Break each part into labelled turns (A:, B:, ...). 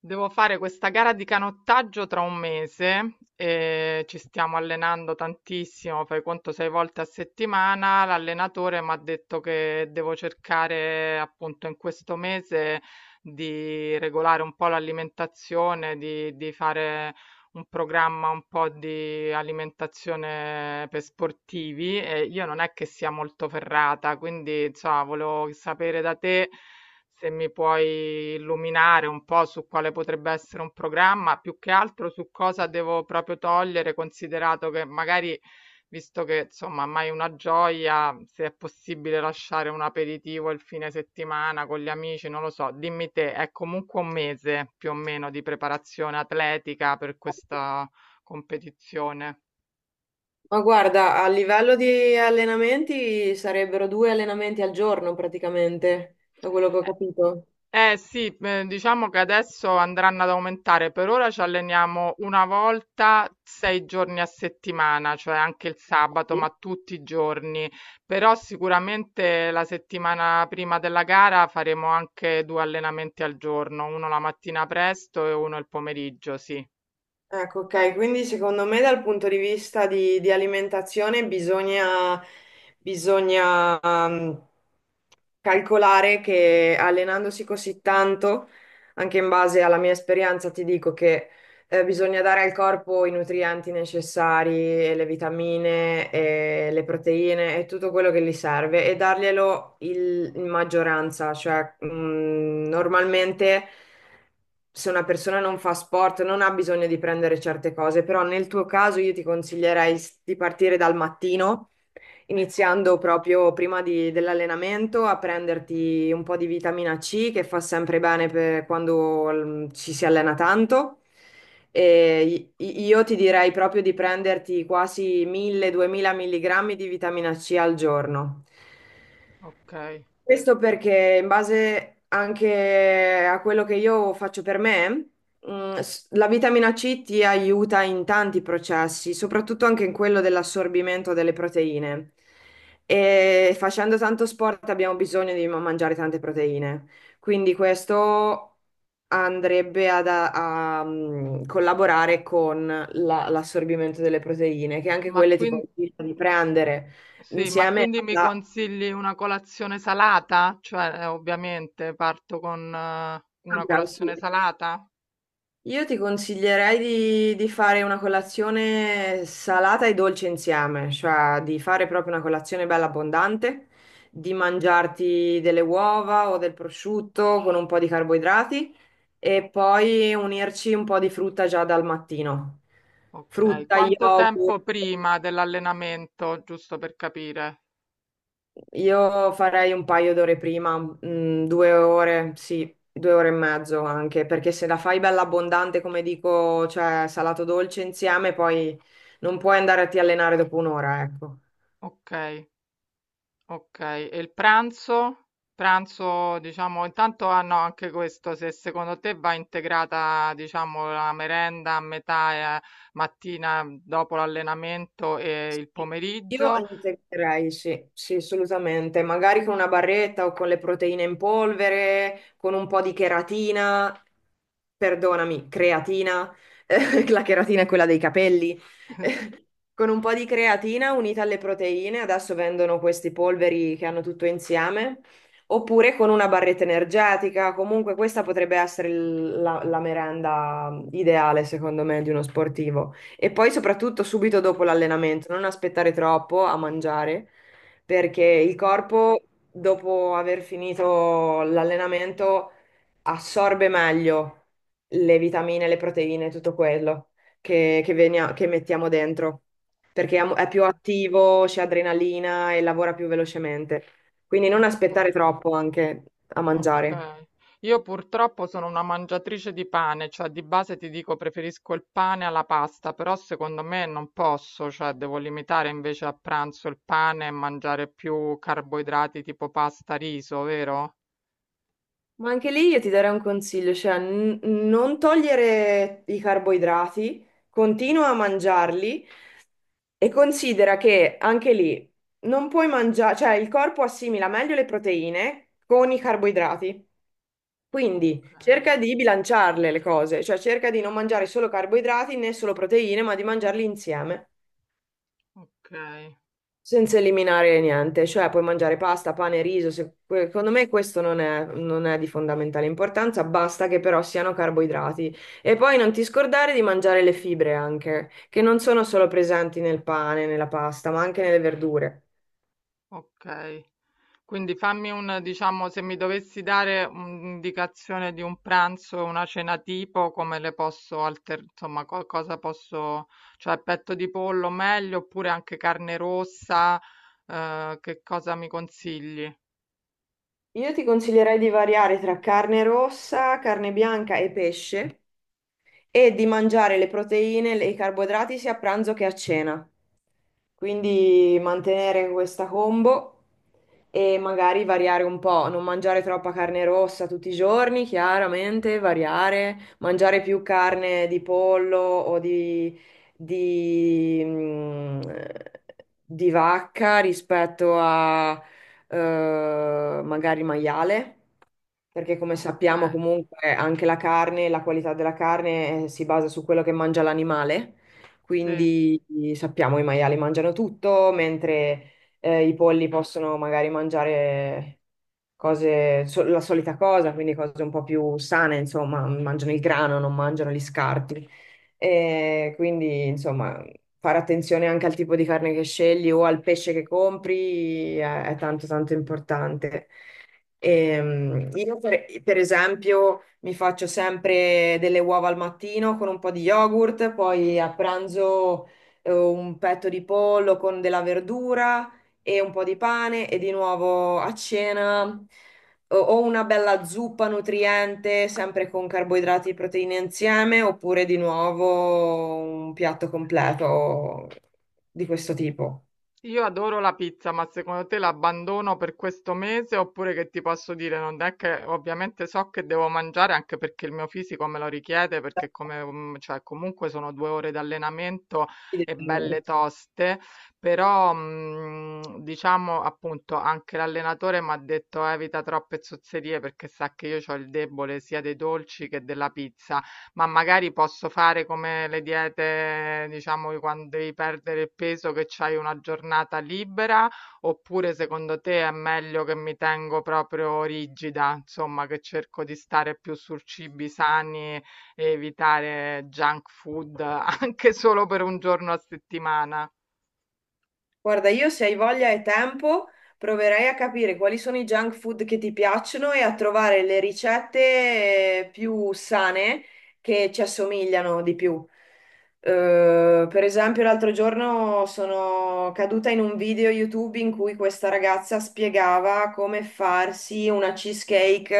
A: Devo fare questa gara di canottaggio tra un mese e ci stiamo allenando tantissimo, fai conto 6 volte a settimana. L'allenatore mi ha detto che devo cercare appunto in questo mese di regolare un po' l'alimentazione, di fare un programma un po' di alimentazione per sportivi e io non è che sia molto ferrata, quindi insomma, volevo sapere da te se mi puoi illuminare un po' su quale potrebbe essere un programma, più che altro su cosa devo proprio togliere, considerato che magari, visto che insomma mai una gioia, se è possibile lasciare un aperitivo il fine settimana con gli amici, non lo so, dimmi te, è comunque un mese più o meno di preparazione atletica per questa competizione.
B: Ma guarda, a livello di allenamenti sarebbero due allenamenti al giorno praticamente, da quello che ho capito.
A: Eh. Eh sì, diciamo che adesso andranno ad aumentare. Per ora ci alleniamo una volta 6 giorni a settimana, cioè anche il sabato, ma tutti i giorni. Però sicuramente la settimana prima della gara faremo anche 2 allenamenti al giorno, uno la mattina presto e uno il pomeriggio, sì.
B: Ecco, ok, quindi secondo me dal punto di vista di alimentazione bisogna calcolare che allenandosi così tanto, anche in base alla mia esperienza, ti dico che bisogna dare al corpo i nutrienti necessari, e le vitamine, e le proteine e tutto quello che gli serve e darglielo in maggioranza, cioè normalmente se una persona non fa sport, non ha bisogno di prendere certe cose, però nel tuo caso io ti consiglierei di partire dal mattino, iniziando proprio prima dell'allenamento a prenderti un po' di vitamina C che fa sempre bene per quando ci si allena tanto. E io ti direi proprio di prenderti quasi 1.000-2.000 mg di vitamina C al giorno.
A: Ok.
B: Questo perché in base anche a quello che io faccio per me, la vitamina C ti aiuta in tanti processi, soprattutto anche in quello dell'assorbimento delle proteine. E facendo tanto sport abbiamo bisogno di mangiare tante proteine. Quindi questo andrebbe a collaborare con l'assorbimento delle proteine, che anche
A: Ma
B: quelle ti
A: quindi,
B: consiglio di prendere
A: sì, ma
B: insieme
A: quindi mi
B: alla.
A: consigli una colazione salata? Cioè, ovviamente parto con
B: Ah,
A: una
B: bravo, sì.
A: colazione salata?
B: Io ti consiglierei di fare una colazione salata e dolce insieme, cioè di fare proprio una colazione bella abbondante, di mangiarti delle uova o del prosciutto con un po' di carboidrati e poi unirci un po' di frutta già dal mattino.
A: Okay,
B: Frutta,
A: quanto tempo
B: yogurt.
A: prima dell'allenamento, giusto per capire?
B: Io farei un paio d'ore prima, due ore, sì, due ore e mezzo anche, perché se la fai bella abbondante, come dico, cioè salato dolce insieme, poi non puoi andare a ti allenare dopo un'ora, ecco.
A: Okay, okay. E il pranzo? Pranzo, diciamo, intanto hanno anche questo, se secondo te va integrata, diciamo, la merenda a metà, mattina dopo l'allenamento e il
B: Sì. Io
A: pomeriggio?
B: integrerei, sì, sì, assolutamente. Magari con una barretta o con le proteine in polvere, con un po' di cheratina, perdonami, creatina, La cheratina è quella dei capelli. Con un po' di creatina unita alle proteine, adesso vendono questi polveri che hanno tutto insieme, oppure con una barretta energetica. Comunque questa potrebbe essere la merenda ideale, secondo me, di uno sportivo. E poi soprattutto subito dopo l'allenamento, non aspettare troppo a mangiare, perché il
A: Okay,
B: corpo, dopo aver finito l'allenamento, assorbe meglio le vitamine, le proteine, tutto quello che mettiamo dentro, perché è più
A: okay,
B: attivo, c'è adrenalina e lavora più velocemente. Quindi non
A: okay.
B: aspettare troppo anche a mangiare.
A: Okay. Io purtroppo sono una mangiatrice di pane, cioè di base ti dico preferisco il pane alla pasta, però secondo me non posso, cioè devo limitare invece a pranzo il pane e mangiare più carboidrati tipo pasta, riso, vero?
B: Ma anche lì io ti darei un consiglio, cioè non togliere i carboidrati, continua a mangiarli e considera che anche lì non puoi mangiare, cioè il corpo assimila meglio le proteine con i carboidrati. Quindi
A: Okay,
B: cerca di bilanciarle le cose, cioè cerca di non mangiare solo carboidrati né solo proteine, ma di mangiarli insieme.
A: okay,
B: Senza eliminare niente, cioè puoi mangiare pasta, pane, riso, secondo me questo non è di fondamentale importanza, basta che però siano carboidrati. E poi non ti scordare di mangiare le fibre anche, che non sono solo presenti nel pane, nella pasta, ma anche nelle verdure.
A: okay. Quindi fammi un, diciamo, se mi dovessi dare un'indicazione di un pranzo e una cena tipo, come le posso insomma, cosa posso, cioè petto di pollo meglio, oppure anche carne rossa, che cosa mi consigli?
B: Io ti consiglierei di variare tra carne rossa, carne bianca e pesce, e di mangiare le proteine e i carboidrati sia a pranzo che a cena. Quindi mantenere questa combo e magari variare un po', non mangiare troppa carne rossa tutti i giorni, chiaramente, variare, mangiare più carne di pollo o di, mm, di vacca rispetto a magari maiale, perché come
A: Ok,
B: sappiamo comunque anche la carne, la qualità della carne si basa su quello che mangia l'animale,
A: sì.
B: quindi sappiamo i maiali mangiano tutto, mentre i polli possono magari mangiare cose, la solita cosa, quindi cose un po' più sane, insomma, mangiano il grano, non mangiano gli scarti. E quindi, insomma, fare attenzione anche al tipo di carne che scegli o al pesce che compri è tanto tanto importante. Io per esempio mi faccio sempre delle uova al mattino con un po' di yogurt, poi a pranzo un petto di pollo con della verdura e un po' di pane e di nuovo a cena o una bella zuppa nutriente, sempre con carboidrati e proteine insieme, oppure di nuovo un piatto completo di questo tipo.
A: Io adoro la pizza, ma secondo te l'abbandono per questo mese oppure che ti posso dire? Non è che ovviamente so che devo mangiare anche perché il mio fisico me lo richiede, perché come, cioè, comunque sono 2 ore di allenamento e belle toste, però diciamo appunto anche l'allenatore mi ha detto evita troppe zozzerie perché sa che io ho il debole sia dei dolci che della pizza. Ma magari posso fare come le diete, diciamo, che quando devi perdere il peso, che c'hai una giornata libera, oppure secondo te è meglio che mi tengo proprio rigida, insomma, che cerco di stare più su cibi sani e evitare junk food anche solo per un giorno a settimana?
B: Guarda, io se hai voglia e tempo, proverei a capire quali sono i junk food che ti piacciono e a trovare le ricette più sane che ci assomigliano di più. Per esempio, l'altro giorno sono caduta in un video YouTube in cui questa ragazza spiegava come farsi una cheesecake,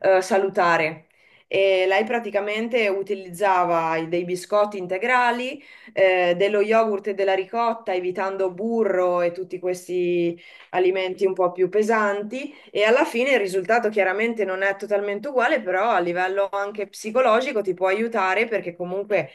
B: salutare. E lei praticamente utilizzava dei biscotti integrali dello yogurt e della ricotta, evitando burro e tutti questi alimenti un po' più pesanti e alla fine il risultato chiaramente non è totalmente uguale, però a livello anche psicologico ti può aiutare perché comunque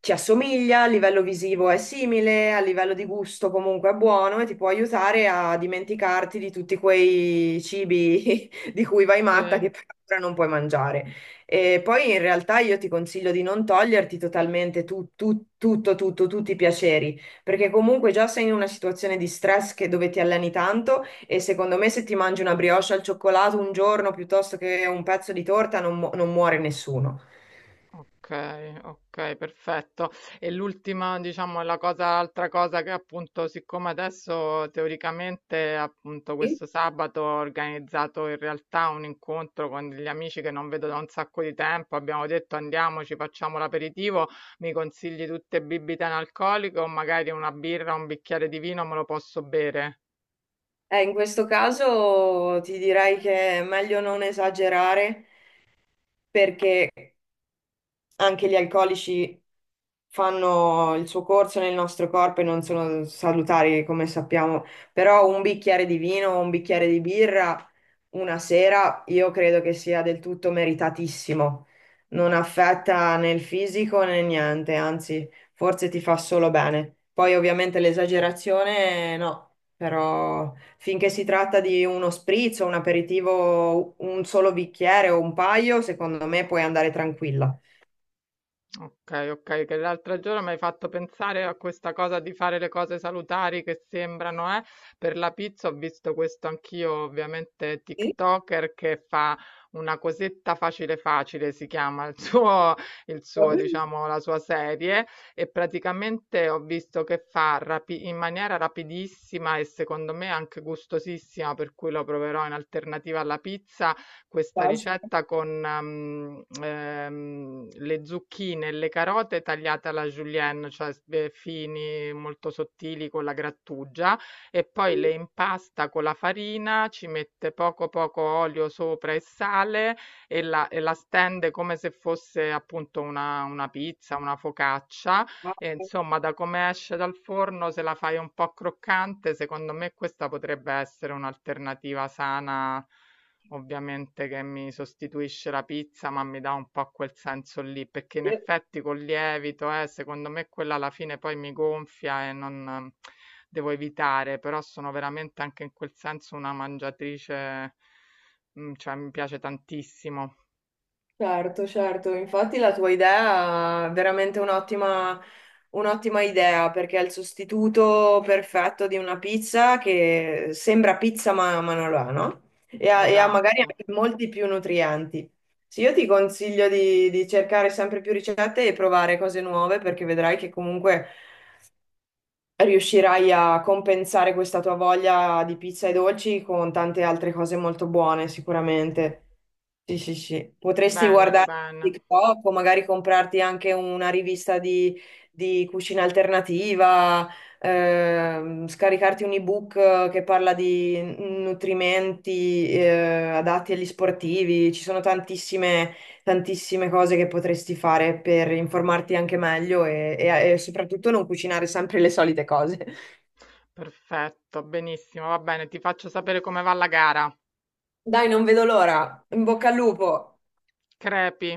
B: ti assomiglia, a livello visivo è simile, a livello di gusto comunque è buono e ti può aiutare a dimenticarti di tutti quei cibi di cui vai matta
A: Sì.
B: che per ora non puoi mangiare. E poi in realtà io ti consiglio di non toglierti totalmente tutti i piaceri, perché comunque già sei in una situazione di stress dove ti alleni tanto e secondo me se ti mangi una brioche al cioccolato un giorno piuttosto che un pezzo di torta non muore nessuno.
A: Okay, okay, perfetto. E l'ultima, diciamo, è la cosa l'altra cosa che appunto, siccome adesso teoricamente, appunto, questo sabato ho organizzato in realtà un incontro con degli amici che non vedo da un sacco di tempo, abbiamo detto andiamoci, facciamo l'aperitivo, mi consigli tutte bibite analcoliche o magari una birra, un bicchiere di vino me lo posso bere?
B: In questo caso ti direi che è meglio non esagerare perché anche gli alcolici fanno il suo corso nel nostro corpo e non sono salutari, come sappiamo, però un bicchiere di vino o un bicchiere di birra una sera io credo che sia del tutto meritatissimo. Non affetta né il fisico né niente, anzi, forse ti fa solo bene. Poi ovviamente l'esagerazione no, però finché si tratta di uno spritz o un aperitivo, un solo bicchiere o un paio, secondo me puoi andare tranquilla.
A: Ok, ok, che l'altro giorno mi hai fatto pensare a questa cosa di fare le cose salutari che sembrano, eh? Per la pizza ho visto questo anch'io, ovviamente TikToker che fa una cosetta facile facile, si chiama
B: Basta.
A: diciamo, la sua serie e praticamente ho visto che fa in maniera rapidissima e secondo me anche gustosissima, per cui lo proverò in alternativa alla pizza questa ricetta con, le zucchine e le carote tagliate alla julienne, cioè s fini, molto sottili con la grattugia e poi
B: Sì,
A: le impasta con la farina, ci mette poco, poco olio sopra e sale e la stende come se fosse appunto una pizza, una focaccia
B: ma-
A: e insomma da come esce dal forno, se la fai un po' croccante, secondo me questa potrebbe essere un'alternativa sana. Ovviamente che mi sostituisce la pizza, ma mi dà un po' quel senso lì, perché in effetti col lievito, secondo me quella alla fine poi mi gonfia e non devo evitare, però sono veramente anche in quel senso una mangiatrice, cioè mi piace tantissimo.
B: Certo, certo, infatti la tua idea è veramente un'ottima un'ottima idea perché è il sostituto perfetto di una pizza che sembra pizza ma non lo è, no? E ha magari
A: Esatto.
B: anche molti più nutrienti. Sì, io ti consiglio di cercare sempre più ricette e provare cose nuove perché vedrai che comunque riuscirai a compensare questa tua voglia di pizza e dolci con tante altre cose molto buone, sicuramente. Sì, sì, sì. Potresti
A: Bene,
B: guardare
A: bene.
B: TikTok o magari comprarti anche una rivista di cucina alternativa, scaricarti un ebook che parla di nutrimenti, adatti agli sportivi. Ci sono tantissime tantissime cose che potresti fare per informarti anche meglio e soprattutto non cucinare sempre le solite cose.
A: Perfetto, benissimo, va bene, ti faccio sapere come va la gara.
B: Dai, non vedo l'ora. In bocca al lupo.
A: Crepi.